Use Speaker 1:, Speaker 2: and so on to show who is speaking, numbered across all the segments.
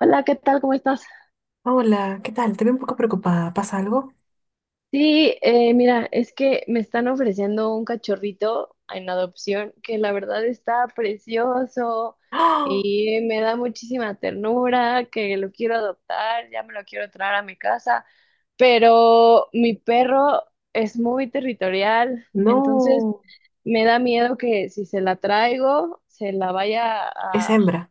Speaker 1: Hola, ¿qué tal? ¿Cómo estás?
Speaker 2: Hola, ¿qué tal? Te veo un poco preocupada. ¿Pasa algo?
Speaker 1: Sí, mira, es que me están ofreciendo un cachorrito en adopción que la verdad está precioso
Speaker 2: ¡Ah!
Speaker 1: y me da muchísima ternura, que lo quiero adoptar, ya me lo quiero traer a mi casa, pero mi perro es muy territorial, entonces
Speaker 2: No,
Speaker 1: me da miedo que si se la traigo, se la vaya
Speaker 2: es
Speaker 1: a.
Speaker 2: hembra.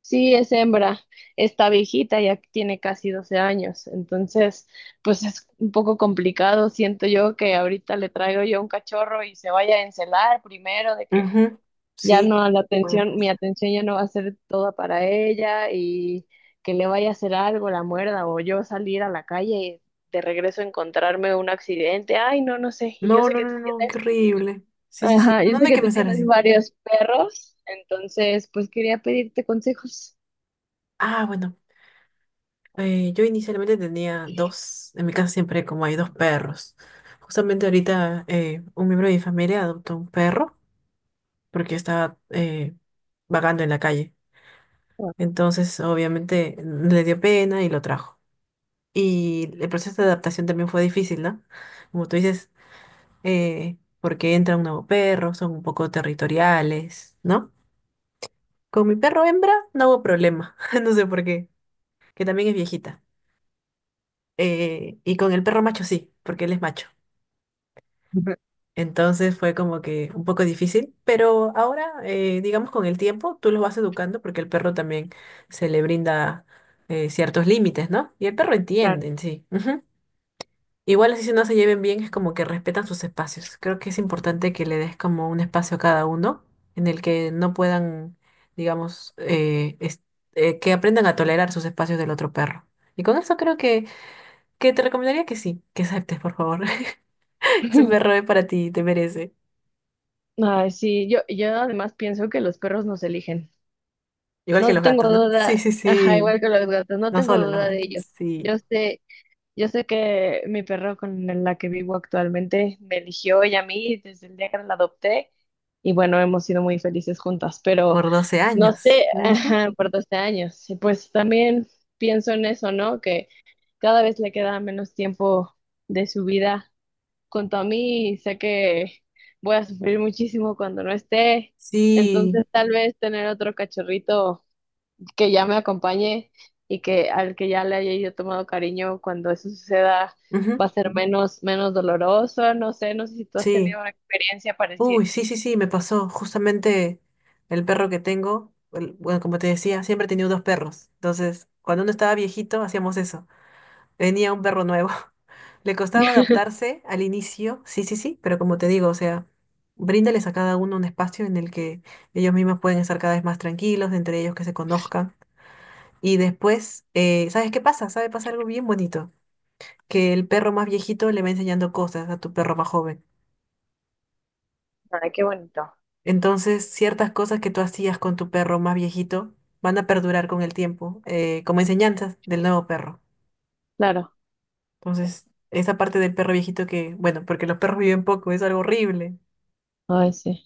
Speaker 1: Sí, es hembra, está viejita, ya tiene casi 12 años, entonces pues es un poco complicado, siento yo que ahorita le traigo yo un cachorro y se vaya a encelar primero, de que
Speaker 2: Ujú.
Speaker 1: ya
Speaker 2: Sí,
Speaker 1: no la
Speaker 2: puede
Speaker 1: atención, mi
Speaker 2: pasar.
Speaker 1: atención ya no va a ser toda para ella y que le vaya a hacer algo, la muerda o yo salir a la calle y de regreso encontrarme un accidente, ay no, no sé, y yo
Speaker 2: No,
Speaker 1: sé
Speaker 2: no,
Speaker 1: que
Speaker 2: no,
Speaker 1: tú
Speaker 2: no, no, qué
Speaker 1: tienes,
Speaker 2: horrible. Sí, sí, sí.
Speaker 1: ajá,
Speaker 2: No,
Speaker 1: yo
Speaker 2: no
Speaker 1: sé
Speaker 2: hay
Speaker 1: que
Speaker 2: que
Speaker 1: tú
Speaker 2: pensar
Speaker 1: tienes
Speaker 2: así.
Speaker 1: varios perros, entonces pues quería pedirte consejos.
Speaker 2: Ah, bueno, yo inicialmente tenía dos, en mi casa siempre como hay dos perros. Justamente ahorita un miembro de mi familia adoptó un perro porque estaba vagando en la calle. Entonces, obviamente, le dio pena y lo trajo. Y el proceso de adaptación también fue difícil, ¿no? Como tú dices, porque entra un nuevo perro, son un poco territoriales, ¿no? Con mi perro hembra no hubo problema, no sé por qué, que también es viejita. Y con el perro macho sí, porque él es macho. Entonces fue como que un poco difícil, pero ahora, digamos, con el tiempo tú los vas educando porque el perro también se le brinda ciertos límites, ¿no? Y el perro
Speaker 1: Claro.
Speaker 2: entiende en sí. Ujú. Igual así si no se lleven bien, es como que respetan sus espacios. Creo que es importante que le des como un espacio a cada uno en el que no puedan, digamos, que aprendan a tolerar sus espacios del otro perro. Y con eso creo que te recomendaría que sí, que aceptes, por favor. Es un perro, es para ti, te merece.
Speaker 1: Ay, sí, yo además pienso que los perros nos eligen.
Speaker 2: Igual que
Speaker 1: No
Speaker 2: los
Speaker 1: tengo
Speaker 2: gatos, ¿no?
Speaker 1: duda,
Speaker 2: Sí, sí,
Speaker 1: ajá,
Speaker 2: sí.
Speaker 1: igual que los gatos, no
Speaker 2: No
Speaker 1: tengo
Speaker 2: solo los
Speaker 1: duda de
Speaker 2: gatos,
Speaker 1: ello. Yo
Speaker 2: sí.
Speaker 1: sé, yo sé que mi perro con la que vivo actualmente me eligió ella a mí desde el día que la adopté y bueno, hemos sido muy felices juntas, pero
Speaker 2: Por doce
Speaker 1: no
Speaker 2: años.
Speaker 1: sé,
Speaker 2: Ujú.
Speaker 1: ajá, por 12 años. Y pues también pienso en eso, ¿no? Que cada vez le queda menos tiempo de su vida con Tommy, sé que voy a sufrir muchísimo cuando no esté.
Speaker 2: Sí.
Speaker 1: Entonces, tal vez tener otro cachorrito que ya me acompañe y que al que ya le haya yo tomado cariño cuando eso suceda va
Speaker 2: Ujú.
Speaker 1: a ser menos, menos doloroso. No sé, no sé si tú has
Speaker 2: Sí.
Speaker 1: tenido una experiencia parecida.
Speaker 2: Uy, sí, sí, sí, me pasó. Justamente el perro que tengo, bueno, como te decía, siempre he tenido dos perros. Entonces, cuando uno estaba viejito, hacíamos eso. Venía un perro nuevo. Le costaba adaptarse al inicio, sí, sí, sí, pero como te digo, o sea, bríndales a cada uno un espacio en el que ellos mismos pueden estar cada vez más tranquilos, entre ellos que se conozcan. Y después, ¿sabes qué pasa? ¿Sabe? Pasa algo bien bonito, que el perro más viejito le va enseñando cosas a tu perro más joven.
Speaker 1: Ay, qué bonito.
Speaker 2: Entonces, ciertas cosas que tú hacías con tu perro más viejito van a perdurar con el tiempo, como enseñanzas del nuevo perro.
Speaker 1: Claro.
Speaker 2: Entonces, esa parte del perro viejito que, bueno, porque los perros viven poco, es algo horrible
Speaker 1: Ay, sí.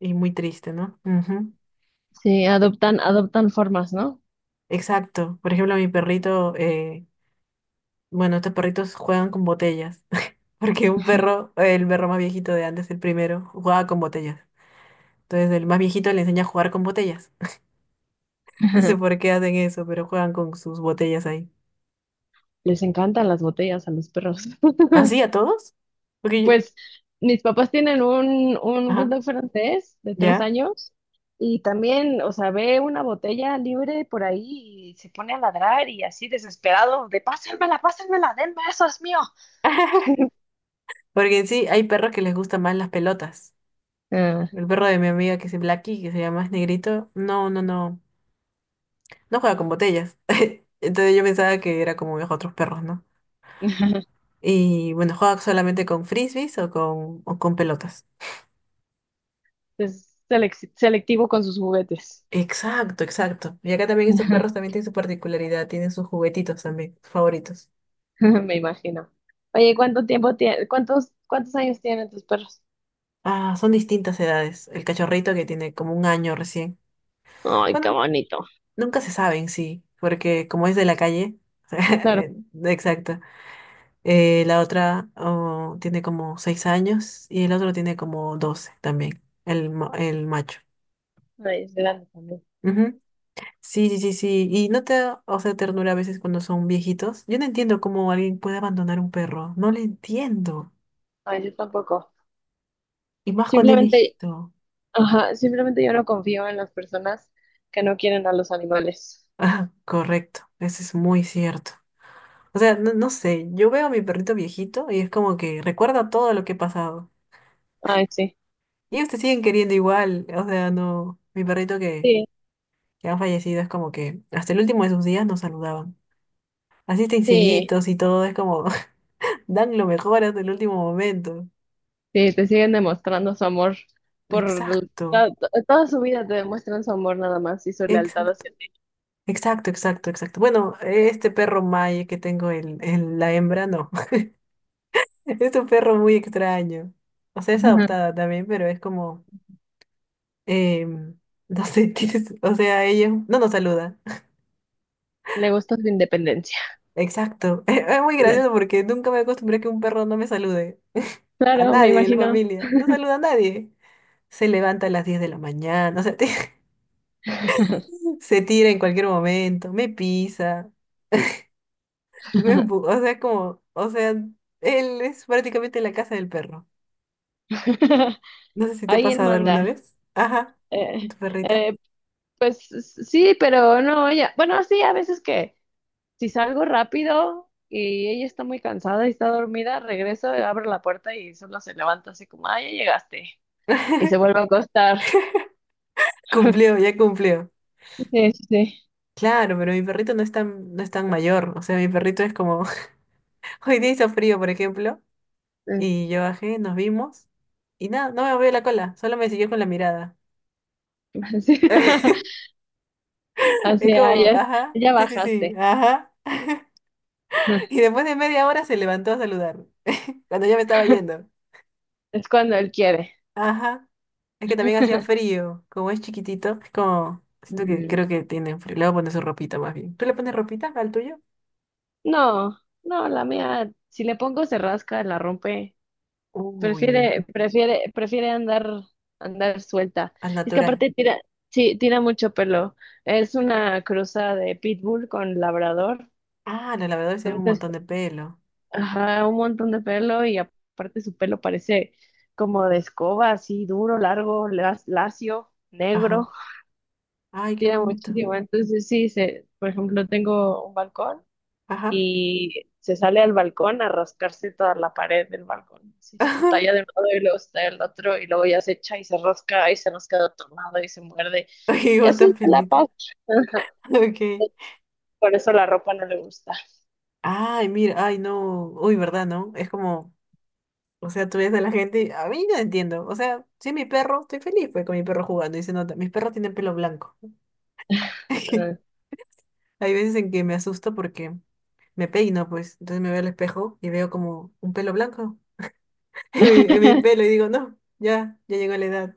Speaker 2: y muy triste, ¿no? Ujú.
Speaker 1: Sí, adoptan, adoptan formas, ¿no?
Speaker 2: Exacto. Por ejemplo, mi perrito, bueno, estos perritos juegan con botellas, porque un perro, el perro más viejito de antes, el primero, jugaba con botellas. Entonces, el más viejito le enseña a jugar con botellas. No sé por qué hacen eso, pero juegan con sus botellas ahí.
Speaker 1: Les encantan las botellas a los perros.
Speaker 2: ¿Así a todos? Porque yo-
Speaker 1: Pues mis papás tienen un
Speaker 2: Ajá,
Speaker 1: bulldog francés de tres
Speaker 2: ya.
Speaker 1: años y también, o sea, ve una botella libre por ahí y se pone a ladrar y así desesperado de pásenmela, pásenmela, denme eso, es mío.
Speaker 2: Porque en sí hay perros que les gustan más las pelotas.
Speaker 1: Ah,
Speaker 2: El perro de mi amiga que es Blacky, que se llama, es negrito, no, no, no, no juega con botellas. Entonces yo pensaba que era como los otros perros, ¿no? Y bueno, juega solamente con frisbees o con pelotas.
Speaker 1: es selectivo con sus juguetes.
Speaker 2: Exacto, exacto. Y acá también estos perros también tienen su particularidad, tienen sus juguetitos también, sus favoritos.
Speaker 1: Me imagino. Oye, ¿cuánto tiempo tiene, cuántos, cuántos años tienen tus perros?
Speaker 2: Ah, son distintas edades. El cachorrito que tiene como 1 año recién.
Speaker 1: Ay, qué
Speaker 2: Bueno,
Speaker 1: bonito.
Speaker 2: nunca se saben, sí, porque como es de la calle,
Speaker 1: Claro.
Speaker 2: exacto. La otra tiene como 6 años y el otro tiene como 12 también, el macho.
Speaker 1: Ay, es grande también.
Speaker 2: Ujú. Sí, sí, sí, sí. Y no te da, o sea, ternura a veces cuando son viejitos. Yo no entiendo cómo alguien puede abandonar un perro. No lo entiendo.
Speaker 1: Ay, yo tampoco.
Speaker 2: Y más cuando es
Speaker 1: Simplemente,
Speaker 2: viejito.
Speaker 1: ajá, simplemente yo no confío en las personas que no quieren a los animales.
Speaker 2: Ah, correcto. Eso es muy cierto. O sea, no, no sé. Yo veo a mi perrito viejito y es como que recuerda todo lo que he pasado.
Speaker 1: Ay, sí.
Speaker 2: Y ellos te siguen queriendo igual, o sea, no, mi perrito que,
Speaker 1: Sí,
Speaker 2: que han fallecido es como que hasta el último de sus días nos saludaban. Así estén
Speaker 1: sí,
Speaker 2: cieguitos y todo, es como dan lo mejor hasta el último momento.
Speaker 1: sí, te siguen demostrando su amor por
Speaker 2: Exacto,
Speaker 1: toda su vida te demuestran su amor nada más y su lealtad
Speaker 2: exacto,
Speaker 1: hacia ti.
Speaker 2: exacto, exacto, exacto. Bueno, este perro Maye que tengo, la hembra, no. Es un perro muy extraño. O sea, es
Speaker 1: Ajá.
Speaker 2: adoptada también, pero es como, em, no sé, tienes- o sea, ella no nos saluda.
Speaker 1: Le gusta su independencia.
Speaker 2: Exacto. Es muy
Speaker 1: Le-
Speaker 2: gracioso porque nunca me acostumbré a que un perro no me salude. A
Speaker 1: Claro, me
Speaker 2: nadie de la
Speaker 1: imagino.
Speaker 2: familia. No saluda a nadie. Se levanta a las 10 de la mañana. O sea, se tira en cualquier momento. Me pisa. O sea, como. O sea, él es prácticamente la casa del perro. No sé si te ha
Speaker 1: Ahí él
Speaker 2: pasado alguna
Speaker 1: manda.
Speaker 2: vez. Ajá.
Speaker 1: Eh,
Speaker 2: Con tu perrita.
Speaker 1: eh, pues sí, pero no, ella. Bueno, sí, a veces que si salgo rápido y ella está muy cansada y está dormida, regreso, abro la puerta y solo se levanta así como, ah, ya llegaste. Y se vuelve a acostar.
Speaker 2: Cumplió, ya cumplió.
Speaker 1: Sí, sí, sí.
Speaker 2: Claro, pero mi perrito no es tan, no es tan mayor. O sea, mi perrito es como. Hoy día hizo frío, por ejemplo.
Speaker 1: Eh,
Speaker 2: Y yo bajé, nos vimos. Y nada, no me movió la cola, solo me siguió con la mirada.
Speaker 1: Así,
Speaker 2: Es
Speaker 1: así, ah,
Speaker 2: como,
Speaker 1: ya,
Speaker 2: ajá,
Speaker 1: ya
Speaker 2: sí, sí, sí,
Speaker 1: bajaste.
Speaker 2: ajá. Y después de media hora se levantó a saludar, cuando ya me estaba yendo.
Speaker 1: Es cuando él quiere.
Speaker 2: Ajá. Es que también hacía frío, como es chiquitito, es como, siento que
Speaker 1: Mm.
Speaker 2: creo que tiene frío. Le voy a poner su ropita más bien. ¿Tú le pones ropita al tuyo?
Speaker 1: No, no, la mía, si le pongo se rasca, la rompe.
Speaker 2: Uy, uy, uy.
Speaker 1: Prefiere andar, andar suelta.
Speaker 2: Al
Speaker 1: Es que
Speaker 2: natural.
Speaker 1: aparte tira, sí, tira mucho pelo. Es una cruza de pitbull con labrador.
Speaker 2: Ah, los lavadores tienen un
Speaker 1: Entonces,
Speaker 2: montón de pelo.
Speaker 1: ajá, un montón de pelo y aparte su pelo parece como de escoba, así duro, largo, lacio, negro.
Speaker 2: Ajá. Ay, qué
Speaker 1: Tira
Speaker 2: bonito.
Speaker 1: muchísimo. Entonces, sí, se, por ejemplo, tengo un balcón
Speaker 2: Ajá.
Speaker 1: y se sale al balcón a rascarse toda la pared del balcón. Así se talla de un lado y luego se talla del otro y luego ya se echa y se rasca y se nos queda tomado y se muerde.
Speaker 2: Ajá, y
Speaker 1: Y
Speaker 2: vos
Speaker 1: así se la
Speaker 2: pelitos,
Speaker 1: pasa.
Speaker 2: pelito. Ok.
Speaker 1: Por eso la ropa no le gusta.
Speaker 2: Ay, mira, ay, no. Uy, ¿verdad, no? Es como, o sea, tú ves a la gente, y- a mí no entiendo. O sea, sí, mi perro, estoy feliz pues, con mi perro jugando y se nota. Mis perros tienen pelo blanco.
Speaker 1: Ah.
Speaker 2: Hay veces en que me asusto porque me peino, pues. Entonces me veo al espejo y veo como un pelo blanco en mi pelo y digo, no, ya, ya llegó la edad,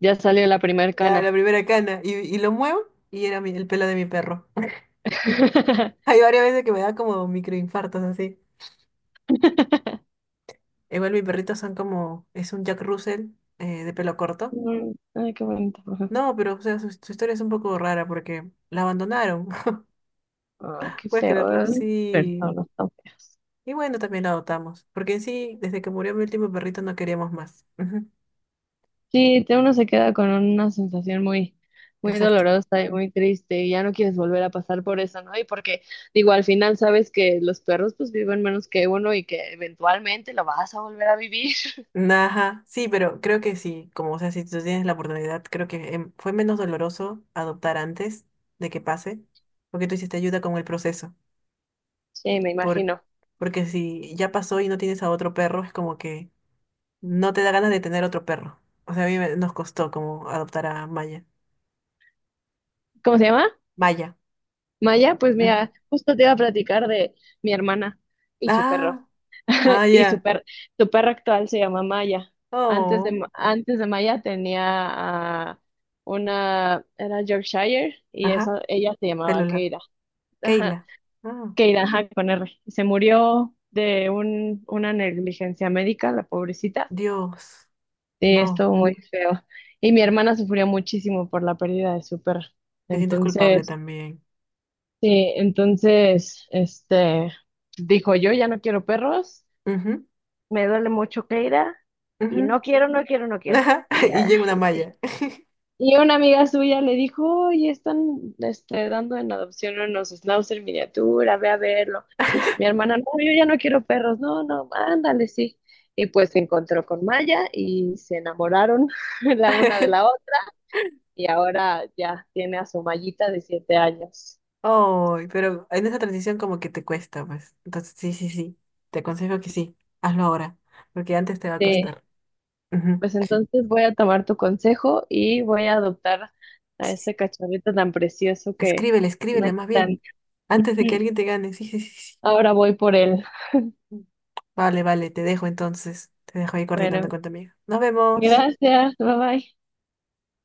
Speaker 1: Ya salió la primer
Speaker 2: ya
Speaker 1: cana.
Speaker 2: la primera cana. Y lo muevo y era mi- el pelo de mi perro. Hay varias veces que me da como microinfartos así. Igual mis perritos son como, es un Jack Russell de pelo corto.
Speaker 1: Mm, ay, qué bonito.
Speaker 2: No, pero o sea, su historia es un poco rara porque la abandonaron,
Speaker 1: Ay, qué
Speaker 2: ¿puedes
Speaker 1: feo,
Speaker 2: creerlo?
Speaker 1: ¿eh?
Speaker 2: Sí.
Speaker 1: Personas tan feas.
Speaker 2: Y bueno, también la adoptamos, porque en sí, desde que murió mi último perrito no queríamos más. Ujú.
Speaker 1: Sí, te- uno se queda con una sensación muy, muy
Speaker 2: Exacto.
Speaker 1: dolorosa y muy triste y ya no quieres volver a pasar por eso, ¿no? Y porque, digo, al final sabes que los perros pues viven menos que uno y que eventualmente lo vas a volver a vivir.
Speaker 2: Ajá, sí, pero creo que sí, como o sea, si tú tienes la oportunidad, creo que fue menos doloroso adoptar antes de que pase, porque tú hiciste ayuda con el proceso.
Speaker 1: Sí, me
Speaker 2: Por,
Speaker 1: imagino.
Speaker 2: porque si ya pasó y no tienes a otro perro, es como que no te da ganas de tener otro perro. O sea, a mí me- nos costó como adoptar a Maya.
Speaker 1: ¿Cómo se llama?
Speaker 2: Maya.
Speaker 1: Maya, pues mira, justo te iba a platicar de mi hermana y su perro.
Speaker 2: Ah, ah,
Speaker 1: Y
Speaker 2: ya.
Speaker 1: su perro actual se llama Maya. Antes de,
Speaker 2: Oh,
Speaker 1: Antes de Maya tenía a una, era Yorkshire y
Speaker 2: ajá,
Speaker 1: esa, ella se
Speaker 2: pelo
Speaker 1: llamaba
Speaker 2: largo.
Speaker 1: Keira. Ajá.
Speaker 2: Keila. Ah,
Speaker 1: Keira, ajá, con R. Se murió de una negligencia médica, la pobrecita.
Speaker 2: Dios.
Speaker 1: Sí, estuvo
Speaker 2: No,
Speaker 1: muy feo. Y mi hermana sufrió muchísimo por la pérdida de su perro.
Speaker 2: te sientes culpable
Speaker 1: Entonces,
Speaker 2: también.
Speaker 1: sí, entonces, este, dijo yo ya no quiero perros,
Speaker 2: Ujú,
Speaker 1: me duele mucho Keira, y
Speaker 2: ujú.
Speaker 1: no quiero, no quiero, no quiero.
Speaker 2: Ajá,
Speaker 1: Y
Speaker 2: y
Speaker 1: ya,
Speaker 2: llega una malla.
Speaker 1: y una amiga suya le dijo, oye, están este, dando en adopción unos schnauzer miniatura, ve a verlo. Mi hermana, no, yo ya no quiero perros, no, no, ándale, sí. Y pues se encontró con Maya y se enamoraron la una de la otra. Y ahora ya tiene a su Mayita de 7 años.
Speaker 2: Oh, pero en esa transición como que te cuesta, pues. Entonces, sí, sí, sí. Te aconsejo que sí. Hazlo ahora, porque antes te va a
Speaker 1: Sí,
Speaker 2: costar. Ujú.
Speaker 1: pues entonces voy a tomar tu consejo y voy a adoptar
Speaker 2: Sí,
Speaker 1: a
Speaker 2: sí.
Speaker 1: ese cachorrito tan precioso que
Speaker 2: Escríbele,
Speaker 1: me
Speaker 2: escríbele más bien.
Speaker 1: están.
Speaker 2: Antes de que alguien te gane. Sí, sí, sí, sí.
Speaker 1: Ahora voy por él.
Speaker 2: Vale, vale, te dejo entonces. Te dejo ahí coordinando
Speaker 1: Bueno,
Speaker 2: con tu amiga. Nos vemos.
Speaker 1: gracias, bye bye.